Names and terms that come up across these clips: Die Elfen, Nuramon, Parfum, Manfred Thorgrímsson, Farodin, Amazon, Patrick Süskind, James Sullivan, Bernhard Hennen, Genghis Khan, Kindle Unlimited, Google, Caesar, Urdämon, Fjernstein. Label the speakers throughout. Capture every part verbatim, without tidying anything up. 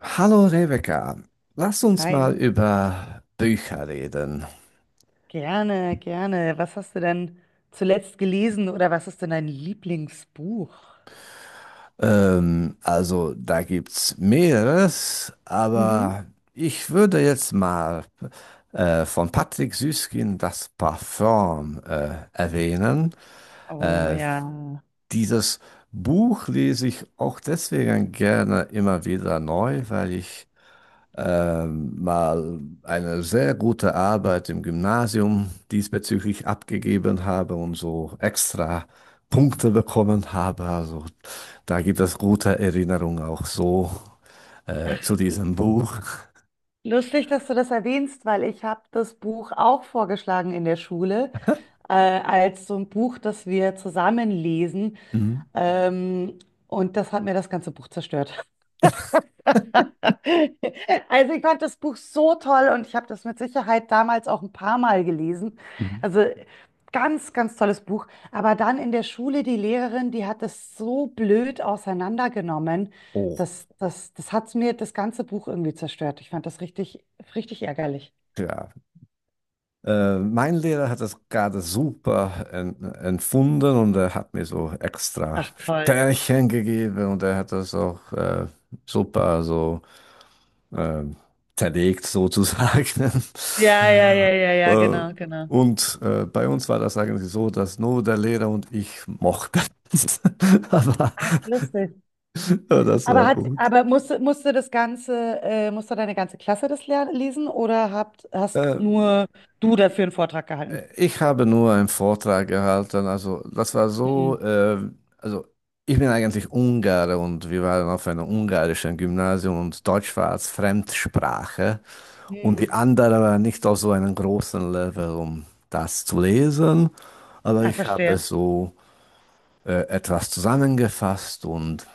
Speaker 1: Hallo Rebecca, lass uns mal
Speaker 2: Hi,
Speaker 1: über Bücher reden.
Speaker 2: gerne, gerne. Was hast du denn zuletzt gelesen oder was ist denn dein Lieblingsbuch?
Speaker 1: Ähm, also da gibt's mehreres,
Speaker 2: Mhm.
Speaker 1: aber ich würde jetzt mal äh, von Patrick Süskind das Parfum äh, erwähnen.
Speaker 2: Oh
Speaker 1: Äh,
Speaker 2: ja.
Speaker 1: Dieses Buch lese ich auch deswegen gerne immer wieder neu, weil ich ähm, mal eine sehr gute Arbeit im Gymnasium diesbezüglich abgegeben habe und so extra Punkte bekommen habe. Also da gibt es gute Erinnerungen auch so äh, zu diesem Buch.
Speaker 2: Lustig, dass du das erwähnst, weil ich habe das Buch auch vorgeschlagen in der Schule, äh, als so ein Buch, das wir zusammen lesen.
Speaker 1: Mhm.
Speaker 2: Ähm, und das hat mir das ganze Buch zerstört. Also ich fand das Buch so toll und ich habe das mit Sicherheit damals auch ein paar Mal gelesen.
Speaker 1: Mhm.
Speaker 2: Also ganz, ganz tolles Buch. Aber dann in der Schule, die Lehrerin, die hat das so blöd auseinandergenommen,
Speaker 1: Oh,
Speaker 2: dass das, das hat mir das ganze Buch irgendwie zerstört. Ich fand das richtig, richtig ärgerlich.
Speaker 1: ja. Äh, mein Lehrer hat das gerade super en empfunden, und er hat mir so extra
Speaker 2: Ach toll.
Speaker 1: Sternchen gegeben, und er hat das auch äh, super so äh, zerlegt sozusagen.
Speaker 2: Ja, ja, ja, ja, ja,
Speaker 1: äh,
Speaker 2: genau, genau.
Speaker 1: und äh, Bei uns war das eigentlich so, dass nur der Lehrer und ich mochten. Aber
Speaker 2: Ach, lustig.
Speaker 1: das
Speaker 2: Aber
Speaker 1: war
Speaker 2: hat,
Speaker 1: gut.
Speaker 2: aber musste, musste das ganze, äh, musste deine ganze Klasse das ler- lesen oder habt, hast
Speaker 1: Äh,
Speaker 2: nur du dafür einen Vortrag gehalten?
Speaker 1: Äh, Ich habe nur einen Vortrag gehalten, also das war
Speaker 2: Hm.
Speaker 1: so, äh, also ich bin eigentlich Ungare, und wir waren auf einem ungarischen Gymnasium und Deutsch war als Fremdsprache, und die
Speaker 2: Hm.
Speaker 1: anderen waren nicht auf so einem großen Level, um das zu lesen, aber
Speaker 2: Ah,
Speaker 1: ich habe
Speaker 2: verstehe.
Speaker 1: es so äh, etwas zusammengefasst, und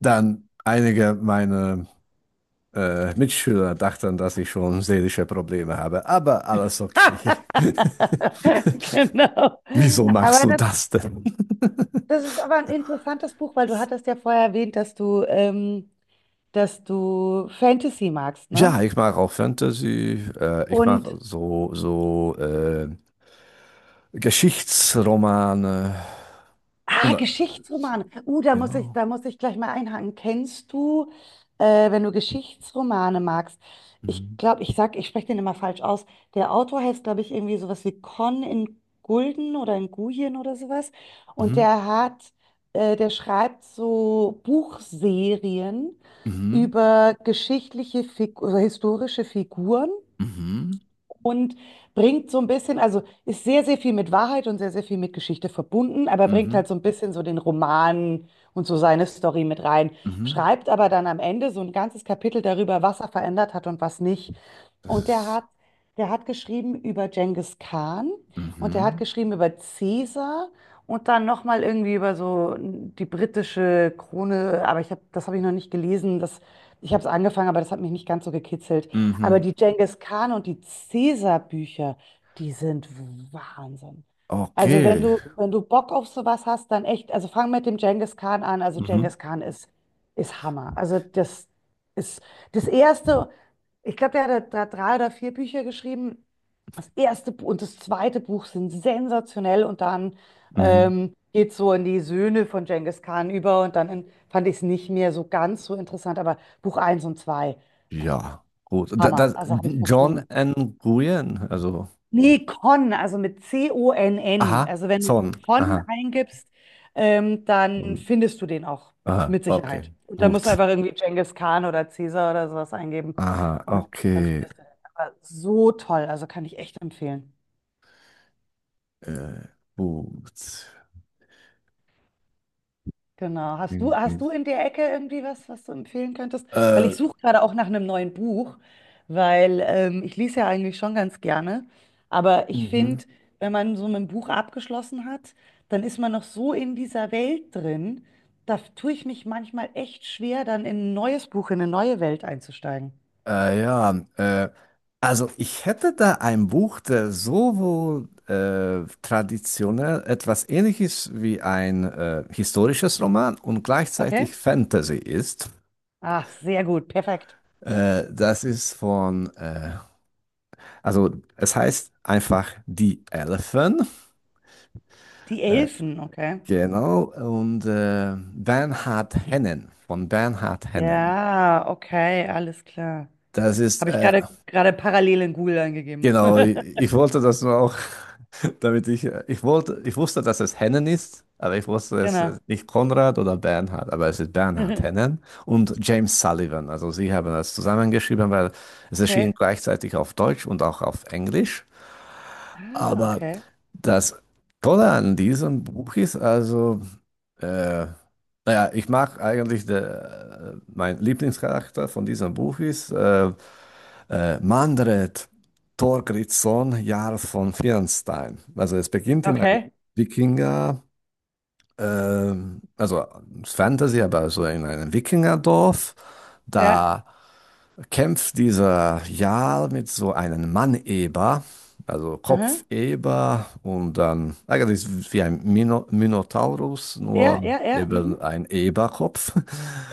Speaker 1: dann einige meiner äh, Mitschüler dachten, dass ich schon seelische Probleme habe, aber alles okay.
Speaker 2: Genau.
Speaker 1: Wieso machst
Speaker 2: Aber
Speaker 1: du
Speaker 2: das,
Speaker 1: das denn?
Speaker 2: das ist aber ein interessantes Buch, weil du hattest ja vorher erwähnt, dass du, ähm, dass du Fantasy magst, ne?
Speaker 1: Ja, ich mag auch Fantasy. Äh, ich mag
Speaker 2: Und
Speaker 1: so, so äh, Geschichtsromane. Und,
Speaker 2: ah,
Speaker 1: äh,
Speaker 2: Geschichtsromane. Uh, da muss ich,
Speaker 1: genau.
Speaker 2: da muss ich gleich mal einhaken. Kennst du, äh, wenn du Geschichtsromane magst, ich
Speaker 1: Mhm.
Speaker 2: glaube, ich sag, ich spreche den immer falsch aus. Der Autor heißt, glaube ich, irgendwie sowas wie Con in Gulden oder in Guyen oder sowas. Und
Speaker 1: Mhm.
Speaker 2: der hat, äh, der schreibt so Buchserien
Speaker 1: Mhm.
Speaker 2: über geschichtliche Fig oder historische Figuren
Speaker 1: Mhm.
Speaker 2: und bringt so ein bisschen, also ist sehr, sehr viel mit Wahrheit und sehr, sehr viel mit Geschichte verbunden, aber bringt
Speaker 1: Mhm.
Speaker 2: halt so ein bisschen so den Roman und so seine Story mit rein.
Speaker 1: Mhm.
Speaker 2: Schreibt aber dann am Ende so ein ganzes Kapitel darüber, was er verändert hat und was nicht.
Speaker 1: Das
Speaker 2: Und der hat,
Speaker 1: ist.
Speaker 2: der hat geschrieben über Genghis Khan und der hat
Speaker 1: Mhm.
Speaker 2: geschrieben über Caesar und dann nochmal irgendwie über so die britische Krone, aber ich hab, das habe ich noch nicht gelesen. Das, ich habe es angefangen, aber das hat mich nicht ganz so gekitzelt. Aber
Speaker 1: Mhm.
Speaker 2: die Genghis Khan und die Caesar-Bücher, die sind Wahnsinn. Also wenn
Speaker 1: Okay.
Speaker 2: du, wenn du Bock auf sowas hast, dann echt, also fang mit dem Genghis Khan an. Also
Speaker 1: Mhm.
Speaker 2: Genghis Khan ist, ist Hammer. Also das ist das erste, ich glaube, der hat da drei oder vier Bücher geschrieben. Das erste Bu- und das zweite Buch sind sensationell und dann
Speaker 1: Mhm.
Speaker 2: ähm, geht so in die Söhne von Genghis Khan über und dann in, fand ich es nicht mehr so ganz so interessant, aber Buch eins und zwei
Speaker 1: Ja, gut. Da,
Speaker 2: Hammer,
Speaker 1: das,
Speaker 2: also habe ich
Speaker 1: John
Speaker 2: verschlungen.
Speaker 1: N. Nguyen. Also.
Speaker 2: Nee, Con, also mit C-O-N-N.
Speaker 1: Aha.
Speaker 2: Also wenn du
Speaker 1: Son.
Speaker 2: Con
Speaker 1: Aha.
Speaker 2: eingibst, ähm, dann
Speaker 1: Und-
Speaker 2: findest du den auch
Speaker 1: aha.
Speaker 2: mit Sicherheit.
Speaker 1: Okay.
Speaker 2: Und da musst du
Speaker 1: Gut.
Speaker 2: einfach irgendwie Genghis Khan oder Caesar oder sowas eingeben
Speaker 1: Aha,
Speaker 2: und dann
Speaker 1: okay.
Speaker 2: findest du den. Aber so toll, also kann ich echt empfehlen.
Speaker 1: Äh, gut.
Speaker 2: Genau. Hast du,
Speaker 1: Äh,
Speaker 2: hast du in der Ecke irgendwie was, was du empfehlen könntest? Weil ich suche gerade auch nach einem neuen Buch, weil ähm, ich lese ja eigentlich schon ganz gerne. Aber ich
Speaker 1: mhm.
Speaker 2: finde, wenn man so mit einem Buch abgeschlossen hat, dann ist man noch so in dieser Welt drin. Da tue ich mich manchmal echt schwer, dann in ein neues Buch, in eine neue Welt einzusteigen.
Speaker 1: Äh, ja, äh, also ich hätte da ein Buch, der sowohl äh, traditionell etwas Ähnliches wie ein äh, historisches Roman und
Speaker 2: Okay?
Speaker 1: gleichzeitig Fantasy ist.
Speaker 2: Ah, sehr gut, perfekt.
Speaker 1: Äh, das ist von, äh, also es heißt einfach Die Elfen.
Speaker 2: Die
Speaker 1: Äh,
Speaker 2: Elfen, okay.
Speaker 1: genau, und äh, Bernhard Hennen, von Bernhard Hennen.
Speaker 2: Ja, okay, alles klar.
Speaker 1: Das ist,
Speaker 2: Habe ich
Speaker 1: äh,
Speaker 2: gerade gerade parallel in Google eingegeben.
Speaker 1: genau, ich, ich wollte das nur auch, damit ich, äh, ich wollte, ich wusste, dass es Hennen ist, aber ich wusste, es
Speaker 2: Genau.
Speaker 1: ist nicht Konrad oder Bernhard, aber es ist Bernhard
Speaker 2: Mhm.
Speaker 1: Hennen und James Sullivan. Also sie haben das zusammengeschrieben, weil es erschien
Speaker 2: Okay.
Speaker 1: gleichzeitig auf Deutsch und auch auf Englisch.
Speaker 2: Ah,
Speaker 1: Aber
Speaker 2: okay.
Speaker 1: das Tolle an diesem Buch ist also, äh, naja, ich mag eigentlich, der, mein Lieblingscharakter von diesem Buch ist, äh, Äh, Manfred Thorgrímsson, Jarl von Fjernstein. Also es beginnt in einem
Speaker 2: Okay.
Speaker 1: Wikinger, ähm, also Fantasy, aber so in einem Wikingerdorf.
Speaker 2: Ja.
Speaker 1: Da kämpft dieser Jarl mit so einem Mann-Eber, also
Speaker 2: Aha.
Speaker 1: Kopfeber und dann eigentlich wie ein Mino Minotaurus,
Speaker 2: Ja,
Speaker 1: nur
Speaker 2: ja, ja. Mhm.
Speaker 1: eben ein Eberkopf.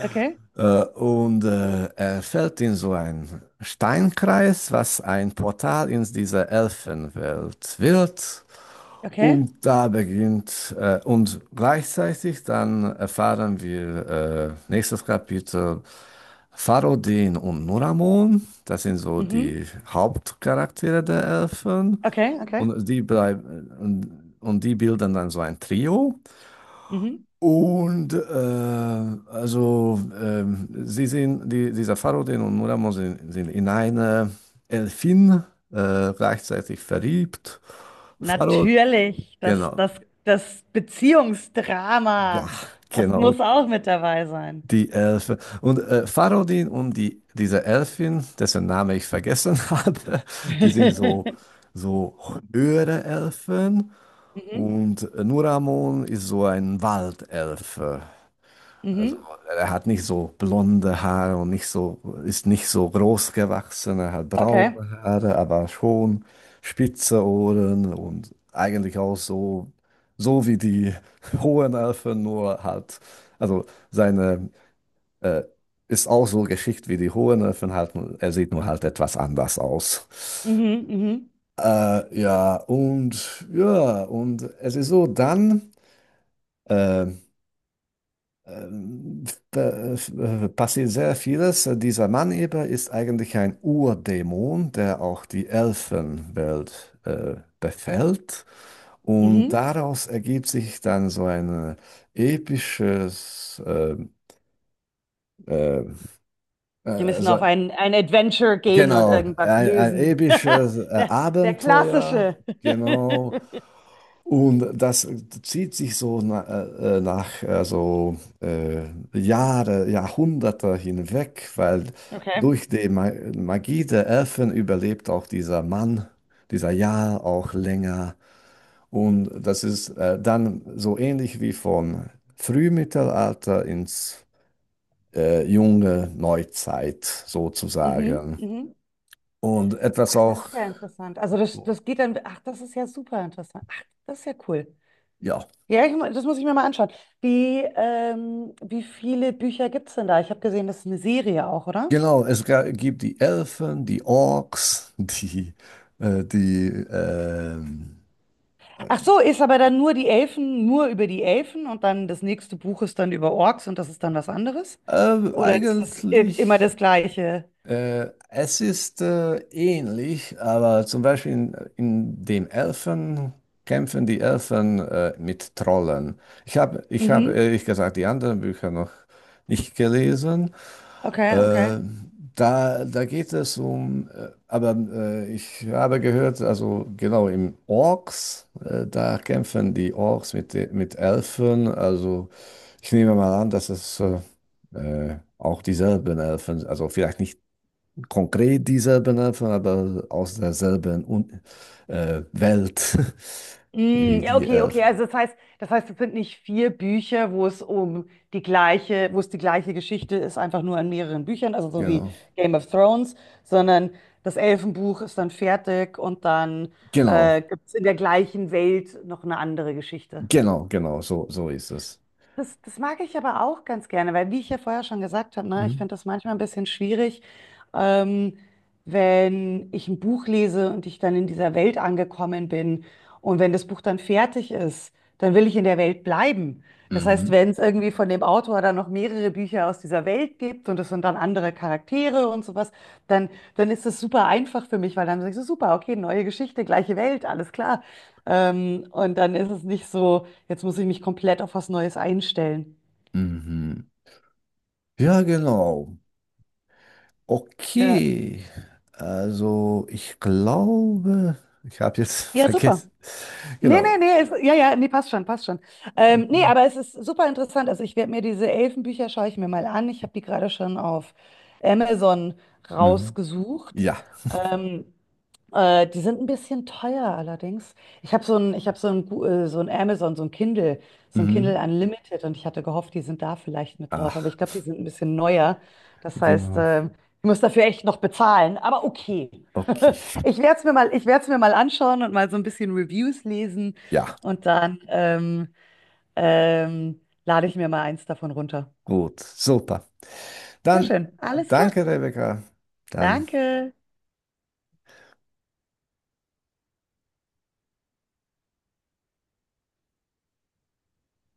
Speaker 2: Okay.
Speaker 1: Äh, und äh, er fällt in so einen Steinkreis, was ein Portal in diese Elfenwelt wird.
Speaker 2: Okay.
Speaker 1: Und da beginnt, äh, und gleichzeitig dann erfahren wir, äh, nächstes Kapitel, Farodin und Nuramon, das sind so
Speaker 2: Mhm.
Speaker 1: die Hauptcharaktere der Elfen.
Speaker 2: Okay, okay.
Speaker 1: Und die bleiben, und, und die bilden dann so ein Trio.
Speaker 2: Mhm.
Speaker 1: Und äh, also ähm, sie sind, die, dieser Farodin und Murano sind, sind in eine Elfin äh, gleichzeitig verliebt. Oh, Farod,
Speaker 2: Natürlich, das,
Speaker 1: genau,
Speaker 2: das, das
Speaker 1: ja,
Speaker 2: Beziehungsdrama, das
Speaker 1: genau,
Speaker 2: muss auch mit dabei sein.
Speaker 1: die Elfe. Und äh, Farodin und die, diese Elfin, dessen Name ich vergessen hatte, die sind so, so höhere Elfen.
Speaker 2: Mhm.
Speaker 1: Und äh, Nuramon ist so ein Waldelfe. Also
Speaker 2: Mhm.
Speaker 1: er hat nicht so blonde Haare und nicht so, ist nicht so groß gewachsen, er hat
Speaker 2: Okay.
Speaker 1: braune Haare, aber schon spitze Ohren und eigentlich auch so, so wie die hohen Elfen, nur halt, also seine äh, ist auch so geschickt wie die hohen Elfen halt, nur- er sieht nur halt etwas anders aus.
Speaker 2: Mhm. Mhm.
Speaker 1: Äh, ja, und ja, und es ist so, dann. Äh, ähm, da, äh, passiert sehr vieles. Dieser Mann eben ist eigentlich ein Urdämon, der auch die Elfenwelt äh, befällt. Und
Speaker 2: Mhm.
Speaker 1: daraus ergibt sich dann so ein episches, äh, äh,
Speaker 2: Die
Speaker 1: äh,
Speaker 2: müssen
Speaker 1: so,
Speaker 2: auf ein, ein Adventure gehen und
Speaker 1: genau,
Speaker 2: irgendwas
Speaker 1: ein, ein
Speaker 2: lösen.
Speaker 1: episches äh,
Speaker 2: Der, der
Speaker 1: Abenteuer,
Speaker 2: klassische.
Speaker 1: genau. Und das zieht sich so na, äh, äh, nach also, äh, Jahre, Jahrhunderte hinweg, weil
Speaker 2: Okay.
Speaker 1: durch die Ma Magie der Elfen überlebt auch dieser Mann, dieser Jarl auch länger. Und das ist äh, dann so ähnlich wie vom Frühmittelalter ins äh, junge Neuzeit
Speaker 2: Mhm.
Speaker 1: sozusagen.
Speaker 2: Mhm.
Speaker 1: Und etwas
Speaker 2: Das
Speaker 1: auch,
Speaker 2: ist ja interessant. Also das, das geht dann, ach, das ist ja super interessant. Ach, das ist ja cool.
Speaker 1: ja.
Speaker 2: Ja, ich, mu- das muss ich mir mal anschauen. Wie, ähm, wie viele Bücher gibt es denn da? Ich habe gesehen, das ist eine Serie auch, oder?
Speaker 1: Genau, es ga- gibt die Elfen, die Orks, die, äh, die ähm,
Speaker 2: Ach so, ist aber dann nur die Elfen, nur über die Elfen und dann das nächste Buch ist dann über Orks und das ist dann was anderes?
Speaker 1: äh,
Speaker 2: Oder ist das i- immer das
Speaker 1: eigentlich,
Speaker 2: Gleiche?
Speaker 1: äh, es ist äh, ähnlich, aber zum Beispiel in, in dem Elfen kämpfen die Elfen äh, mit Trollen. Ich habe, ich habe
Speaker 2: Mhm.
Speaker 1: ehrlich gesagt die anderen Bücher noch nicht gelesen.
Speaker 2: Okay, okay.
Speaker 1: Äh, da, da geht es um, äh, aber äh, ich habe gehört, also genau im Orks, äh, da kämpfen die Orks mit, de- mit Elfen. Also ich nehme mal an, dass es äh, äh, auch dieselben Elfen, also vielleicht nicht konkret dieselben Elfen, aber aus derselben Un äh, Welt wie
Speaker 2: Mm, ja,
Speaker 1: die
Speaker 2: okay, okay.
Speaker 1: Elfen.
Speaker 2: Also das heißt, das heißt, es sind nicht vier Bücher, wo es um die gleiche, wo es die gleiche Geschichte ist, einfach nur in mehreren Büchern, also so wie
Speaker 1: Genau,
Speaker 2: Game of Thrones, sondern das Elfenbuch ist dann fertig und dann
Speaker 1: genau,
Speaker 2: äh, gibt es in der gleichen Welt noch eine andere Geschichte.
Speaker 1: genau, genau, so, so ist es.
Speaker 2: Das, das mag ich aber auch ganz gerne, weil wie ich ja vorher schon gesagt habe, ne, ich
Speaker 1: Mhm.
Speaker 2: finde das manchmal ein bisschen schwierig, ähm, wenn ich ein Buch lese und ich dann in dieser Welt angekommen bin und wenn das Buch dann fertig ist, dann will ich in der Welt bleiben. Das heißt,
Speaker 1: Mhm.
Speaker 2: wenn es irgendwie von dem Autor dann noch mehrere Bücher aus dieser Welt gibt und es sind dann andere Charaktere und sowas, dann, dann ist das super einfach für mich, weil dann sage ich so, super, okay, neue Geschichte, gleiche Welt, alles klar. Ähm, und dann ist es nicht so. Jetzt muss ich mich komplett auf was Neues einstellen.
Speaker 1: Mhm. Ja, genau.
Speaker 2: Ja,
Speaker 1: Okay. Also, ich glaube, ich habe jetzt
Speaker 2: ja, super.
Speaker 1: vergessen.
Speaker 2: Nee,
Speaker 1: Genau.
Speaker 2: nee, nee, ist, ja, ja, nee, passt schon, passt schon. Ähm, nee, aber es ist super interessant. Also ich werde mir diese Elfenbücher, schaue ich mir mal an. Ich habe die gerade schon auf Amazon
Speaker 1: Mhm.
Speaker 2: rausgesucht.
Speaker 1: Ja.
Speaker 2: Ähm, Äh, die sind ein bisschen teuer allerdings. Ich habe so ein, ich habe so ein, Gu- äh, so ein Amazon, so ein Kindle, so ein Kindle
Speaker 1: Mhm.
Speaker 2: Unlimited und ich hatte gehofft, die sind da vielleicht mit drauf, aber ich
Speaker 1: Ach,
Speaker 2: glaube, die sind ein bisschen neuer. Das heißt,
Speaker 1: genau.
Speaker 2: äh, ich muss dafür echt noch bezahlen, aber okay.
Speaker 1: Okay.
Speaker 2: Ich werde es mir mal, ich werde es mir mal anschauen und mal so ein bisschen Reviews lesen
Speaker 1: Ja,
Speaker 2: und dann ähm, ähm, lade ich mir mal eins davon runter.
Speaker 1: gut. Super.
Speaker 2: Sehr
Speaker 1: Dann
Speaker 2: schön, alles klar.
Speaker 1: danke, Rebecca. Dann.
Speaker 2: Danke.